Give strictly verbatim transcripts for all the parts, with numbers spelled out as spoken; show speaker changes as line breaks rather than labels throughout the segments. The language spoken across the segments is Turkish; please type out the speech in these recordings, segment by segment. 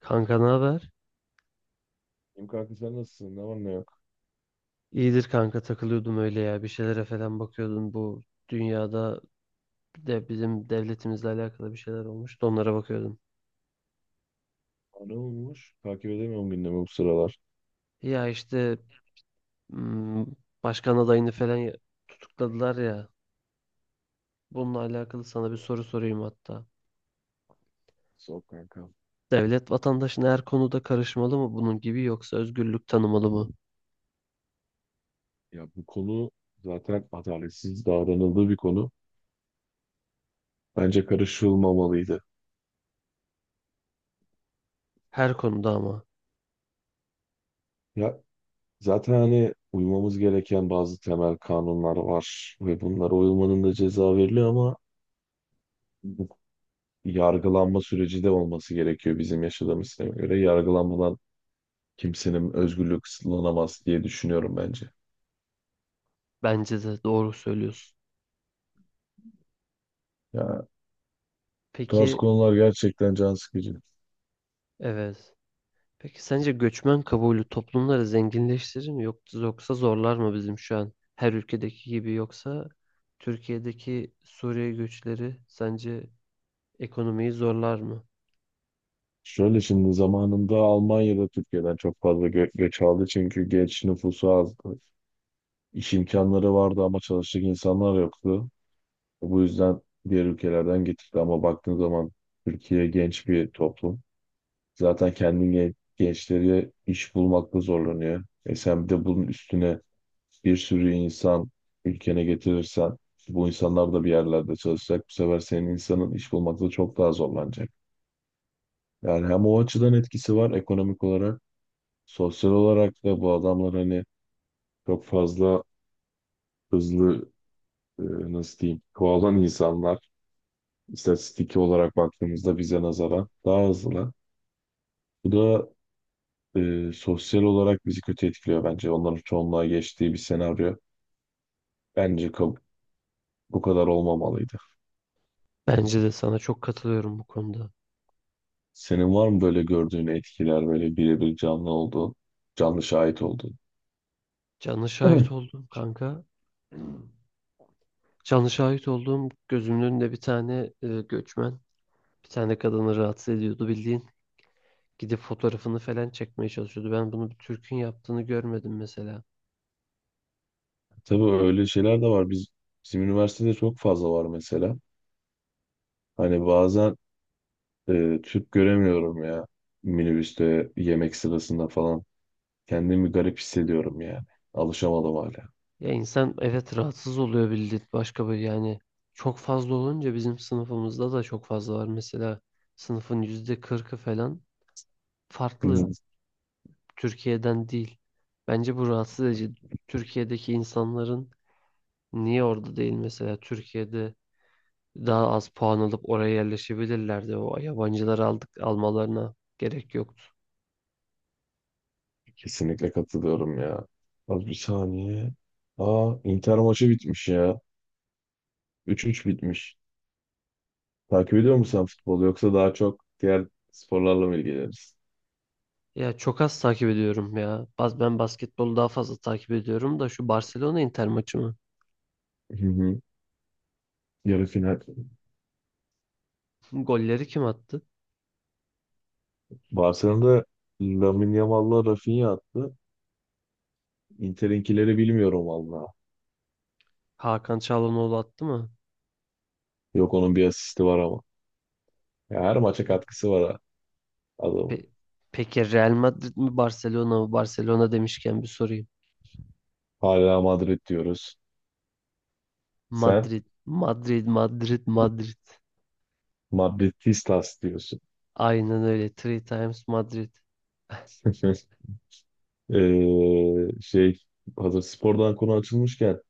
Kanka ne haber?
İyiyim kanka, sen nasılsın? Ne var ne yok?
İyidir kanka takılıyordum öyle ya. Bir şeylere falan bakıyordum. Bu dünyada de bizim devletimizle alakalı bir şeyler olmuş. Onlara bakıyordum.
Aa, ne olmuş? Takip edemiyorum gündemi bu sıralar.
Ya işte hmm, başkan adayını falan ya- tutukladılar ya. Bununla alakalı sana bir
Ya,
soru sorayım hatta.
soğuk kanka.
Devlet vatandaşın her konuda karışmalı mı bunun gibi yoksa özgürlük tanımalı mı?
Ya bu konu zaten adaletsiz davranıldığı bir konu. Bence karışılmamalıydı.
Her konuda ama.
Ya zaten hani uymamız gereken bazı temel kanunlar var ve bunlara uyulmanın da ceza veriliyor ama bu yargılanma süreci de olması gerekiyor bizim yaşadığımız sisteme göre. Yargılanmadan kimsenin özgürlüğü kısıtlanamaz diye düşünüyorum bence.
Bence de doğru söylüyorsun.
Ya bu tarz
Peki
konular gerçekten can sıkıcı.
evet. Peki sence göçmen kabulü toplumları zenginleştirir mi yoksa yoksa zorlar mı bizim şu an her ülkedeki gibi yoksa Türkiye'deki Suriye göçleri sence ekonomiyi zorlar mı?
Şöyle, şimdi zamanında Almanya'da Türkiye'den çok fazla gö göç aldı çünkü genç nüfusu azdı. İş imkanları vardı ama çalışacak insanlar yoktu. Bu yüzden diğer ülkelerden getirdi ama baktığın zaman Türkiye genç bir toplum. Zaten kendi gen- gençleri iş bulmakta zorlanıyor. E sen bir de bunun üstüne bir sürü insan ülkene getirirsen bu insanlar da bir yerlerde çalışacak. Bu sefer senin insanın iş bulmakta çok daha zorlanacak. Yani hem o açıdan etkisi var ekonomik olarak. Sosyal olarak da bu adamlar hani çok fazla hızlı, e, nasıl diyeyim, kovalan insanlar. İstatistiki olarak baktığımızda bize nazaran daha hızlı. Bu da e, sosyal olarak bizi kötü etkiliyor bence. Onların çoğunluğa geçtiği bir senaryo. Bence kab- Bu kadar olmamalıydı.
Bence de sana çok katılıyorum bu konuda.
Senin var mı böyle gördüğün etkiler, böyle birebir canlı olduğun, canlı şahit olduğun?
Canlı şahit
Evet.
oldum kanka. Canlı şahit olduğum gözümün önünde bir tane e, göçmen, bir tane kadını rahatsız ediyordu bildiğin. Gidip fotoğrafını falan çekmeye çalışıyordu. Ben bunu bir Türk'ün yaptığını görmedim mesela.
Tabii öyle şeyler de var. Biz, bizim üniversitede çok fazla var mesela. Hani bazen Ee, Türk göremiyorum ya. Minibüste, yemek sırasında falan. Kendimi garip hissediyorum yani. Alışamadım hala.
Ya insan evet rahatsız oluyor bildiğin başka bir yani çok fazla olunca bizim sınıfımızda da çok fazla var. Mesela sınıfın yüzde kırkı falan
Hı
farklı
hı.
Türkiye'den değil. Bence bu rahatsız edici. Türkiye'deki insanların niye orada değil mesela Türkiye'de daha az puan alıp oraya yerleşebilirlerdi. O yabancıları aldık almalarına gerek yoktu.
Kesinlikle katılıyorum ya. Az bir saniye. Aa, Inter maçı bitmiş ya. üç üç bitmiş. Takip ediyor musun sen futbolu yoksa daha çok diğer sporlarla mı ilgileniyorsun?
Ya çok az takip ediyorum ya. Baz- Ben basketbolu daha fazla takip ediyorum da şu Barcelona Inter maçı mı?
Hı hı. Yarı final.
Golleri kim attı?
Barcelona'da Lamine Yamal'la Rafinha attı. Inter'inkileri bilmiyorum valla.
Hakan Çalhanoğlu attı mı?
Yok, onun bir asisti var ama. Ya her maça
Ha,
katkısı var ha adamın.
pe- peki Real Madrid mi Barcelona mı? Barcelona demişken bir sorayım.
Hala Madrid diyoruz. Sen
Madrid, Madrid, Madrid, Madrid.
Madridistas diyorsun.
Aynen öyle. Three times Madrid.
Ee, şey Hazır spordan konu açılmışken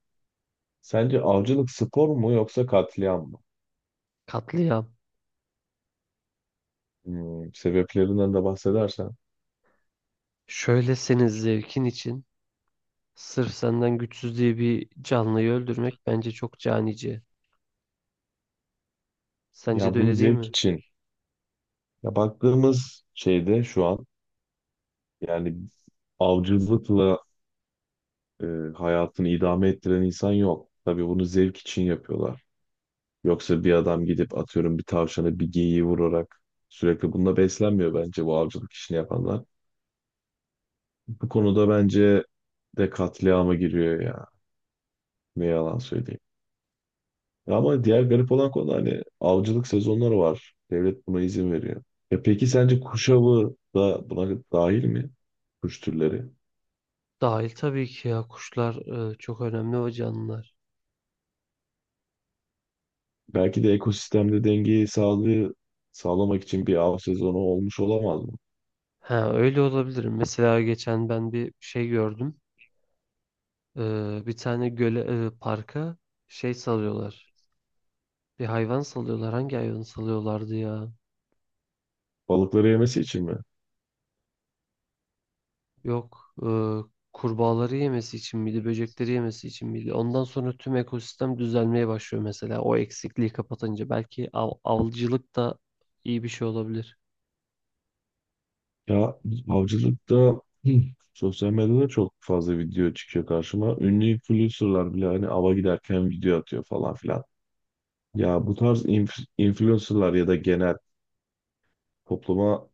sence avcılık spor mu yoksa katliam mı?
Katliam.
Hmm, sebeplerinden de bahsedersen.
Şöyle senin zevkin için sırf senden güçsüz diye bir canlıyı öldürmek bence çok canice. Sence
Ya
de
bunun
öyle değil
zevk
mi?
için. Ya baktığımız şeyde şu an yani avcılıkla e, hayatını idame ettiren insan yok. Tabii bunu zevk için yapıyorlar. Yoksa bir adam gidip atıyorum bir tavşanı bir geyiği vurarak sürekli bununla beslenmiyor bence bu avcılık işini yapanlar. Bu konuda bence de katliama giriyor ya. Ne yalan söyleyeyim. Ama diğer garip olan konu hani avcılık sezonları var. Devlet buna izin veriyor. E peki sence kuş avı da buna dahil mi? Kuş türleri.
Dahil tabii ki ya kuşlar e, çok önemli o canlılar.
Belki de ekosistemde dengeyi sağlığı sağlamak için bir av sezonu olmuş olamaz mı?
Ha öyle olabilir. Mesela geçen ben bir şey gördüm. Ee, bir tane göle, e, parka şey salıyorlar. Bir hayvan salıyorlar. Hangi hayvanı salıyorlardı ya?
Balıkları yemesi için mi?
Yok. E, kurbağaları yemesi için miydi? Böcekleri yemesi için miydi? Ondan sonra tüm ekosistem düzelmeye başlıyor mesela. O eksikliği kapatınca. Belki av, avcılık da iyi bir şey olabilir.
Ya avcılıkta hı, sosyal medyada çok fazla video çıkıyor karşıma. Ünlü influencerlar bile hani ava giderken video atıyor falan filan. Ya bu tarz inf- influencerlar ya da genel topluma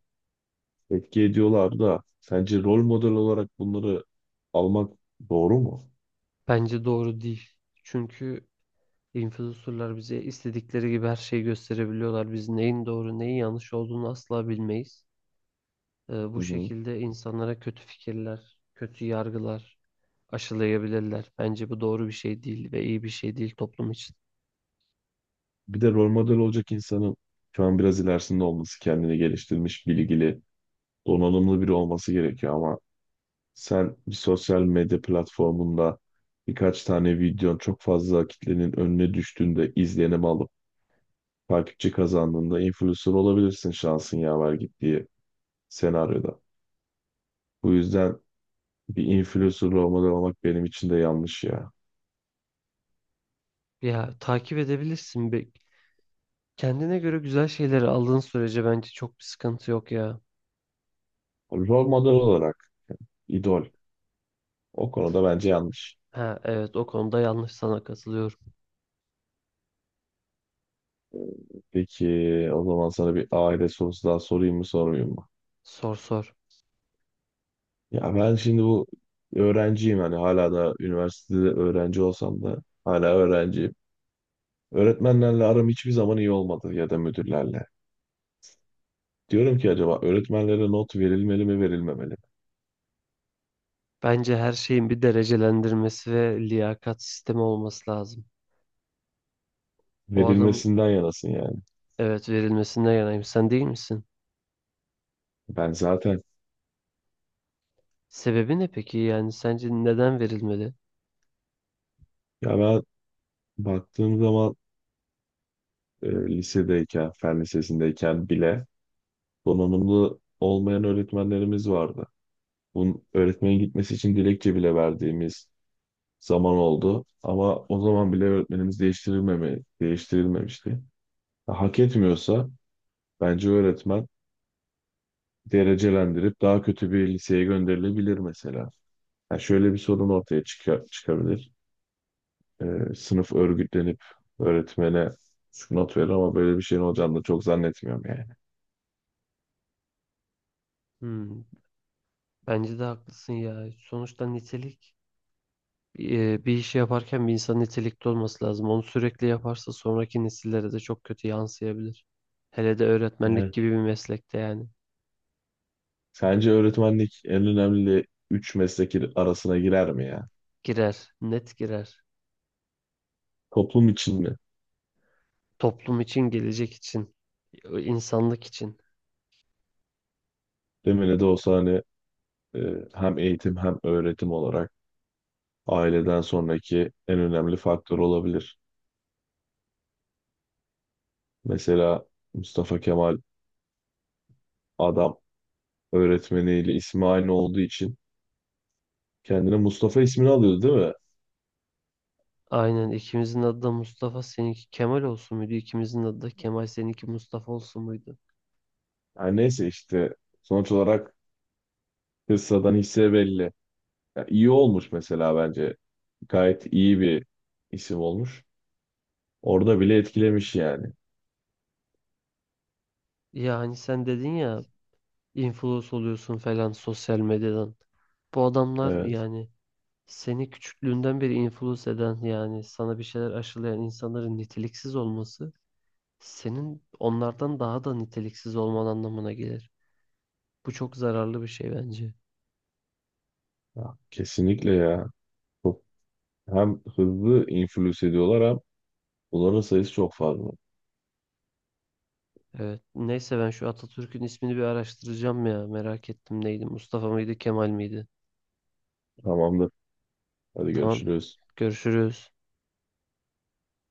etki ediyorlar da sence rol model olarak bunları almak doğru mu?
Bence doğru değil. Çünkü influencerlar bize istedikleri gibi her şeyi gösterebiliyorlar. Biz neyin doğru neyin yanlış olduğunu asla bilmeyiz. Ee,
Hı
bu
hı.
şekilde insanlara kötü fikirler, kötü yargılar aşılayabilirler. Bence bu doğru bir şey değil ve iyi bir şey değil toplum için.
Bir de rol model olacak insanın şu an biraz ilerisinde olması, kendini geliştirmiş, bilgili, donanımlı biri olması gerekiyor ama sen bir sosyal medya platformunda birkaç tane videon çok fazla kitlenin önüne düştüğünde izlenim alıp takipçi kazandığında influencer olabilirsin, şansın yaver gittiği senaryoda. Bu yüzden bir influencer olmadan olmak benim için de yanlış ya.
Ya takip edebilirsin. Be. Kendine göre güzel şeyleri aldığın sürece bence çok bir sıkıntı yok ya.
Rol model olarak, idol. O konuda bence yanlış.
Ha evet o konuda yanlış sana katılıyorum.
Peki, o zaman sana bir aile sorusu daha sorayım mı sormayayım mı?
Sor sor.
Ya ben şimdi bu öğrenciyim, hani hala da üniversitede öğrenci olsam da hala öğrenciyim. Öğretmenlerle aram hiçbir zaman iyi olmadı, ya da müdürlerle. Diyorum ki acaba öğretmenlere not verilmeli mi verilmemeli?
Bence her şeyin bir derecelendirmesi ve liyakat sistemi olması lazım. O adam
Verilmesinden yanasın yani.
evet verilmesinden yanayım. Sen değil misin?
Ben zaten,
Sebebi ne peki? Yani sence neden verilmeli?
ya ben baktığım zaman e, lisedeyken, fen lisesindeyken bile donanımlı olmayan öğretmenlerimiz vardı. Bunun öğretmenin gitmesi için dilekçe bile verdiğimiz zaman oldu. Ama o zaman bile öğretmenimiz değiştirilmeme, değiştirilmemişti. Hak etmiyorsa bence öğretmen derecelendirip daha kötü bir liseye gönderilebilir mesela. Yani şöyle bir sorun ortaya çıka- çıkabilir. E, sınıf örgütlenip öğretmene şu not verir ama böyle bir şeyin olacağını da çok zannetmiyorum yani.
Hmm, bence de haklısın ya. Sonuçta nitelik e, bir işi yaparken bir insan nitelikli olması lazım. Onu sürekli yaparsa sonraki nesillere de çok kötü yansıyabilir. Hele de öğretmenlik
Evet.
gibi bir meslekte yani.
Sence öğretmenlik en önemli üç meslek arasına girer mi ya?
Girer, net girer.
Toplum için mi?
Toplum için, gelecek için, insanlık için.
Demine de olsa hani e, hem eğitim hem öğretim olarak aileden sonraki en önemli faktör olabilir. Mesela Mustafa Kemal adam öğretmeniyle ismi aynı olduğu için kendine Mustafa ismini alıyordu değil mi?
Aynen ikimizin adı da Mustafa, seninki Kemal olsun muydu? İkimizin adı da Kemal, seninki Mustafa olsun muydu?
Yani neyse işte sonuç olarak kıssadan hisse belli. Ya iyi olmuş mesela bence. Gayet iyi bir isim olmuş. Orada bile etkilemiş yani.
Ya hani sen dedin ya influence oluyorsun falan sosyal medyadan. Bu adamlar
Evet.
yani seni küçüklüğünden beri influence eden yani sana bir şeyler aşılayan insanların niteliksiz olması senin onlardan daha da niteliksiz olman anlamına gelir. Bu çok zararlı bir şey bence.
Ya, kesinlikle ya. Çok, hem hızlı influence ediyorlar hem bunların sayısı çok fazla.
Evet. Neyse ben şu Atatürk'ün ismini bir araştıracağım ya. Merak ettim neydi? Mustafa mıydı, Kemal miydi?
Tamamdır. Hadi
Tamam.
görüşürüz.
Görüşürüz.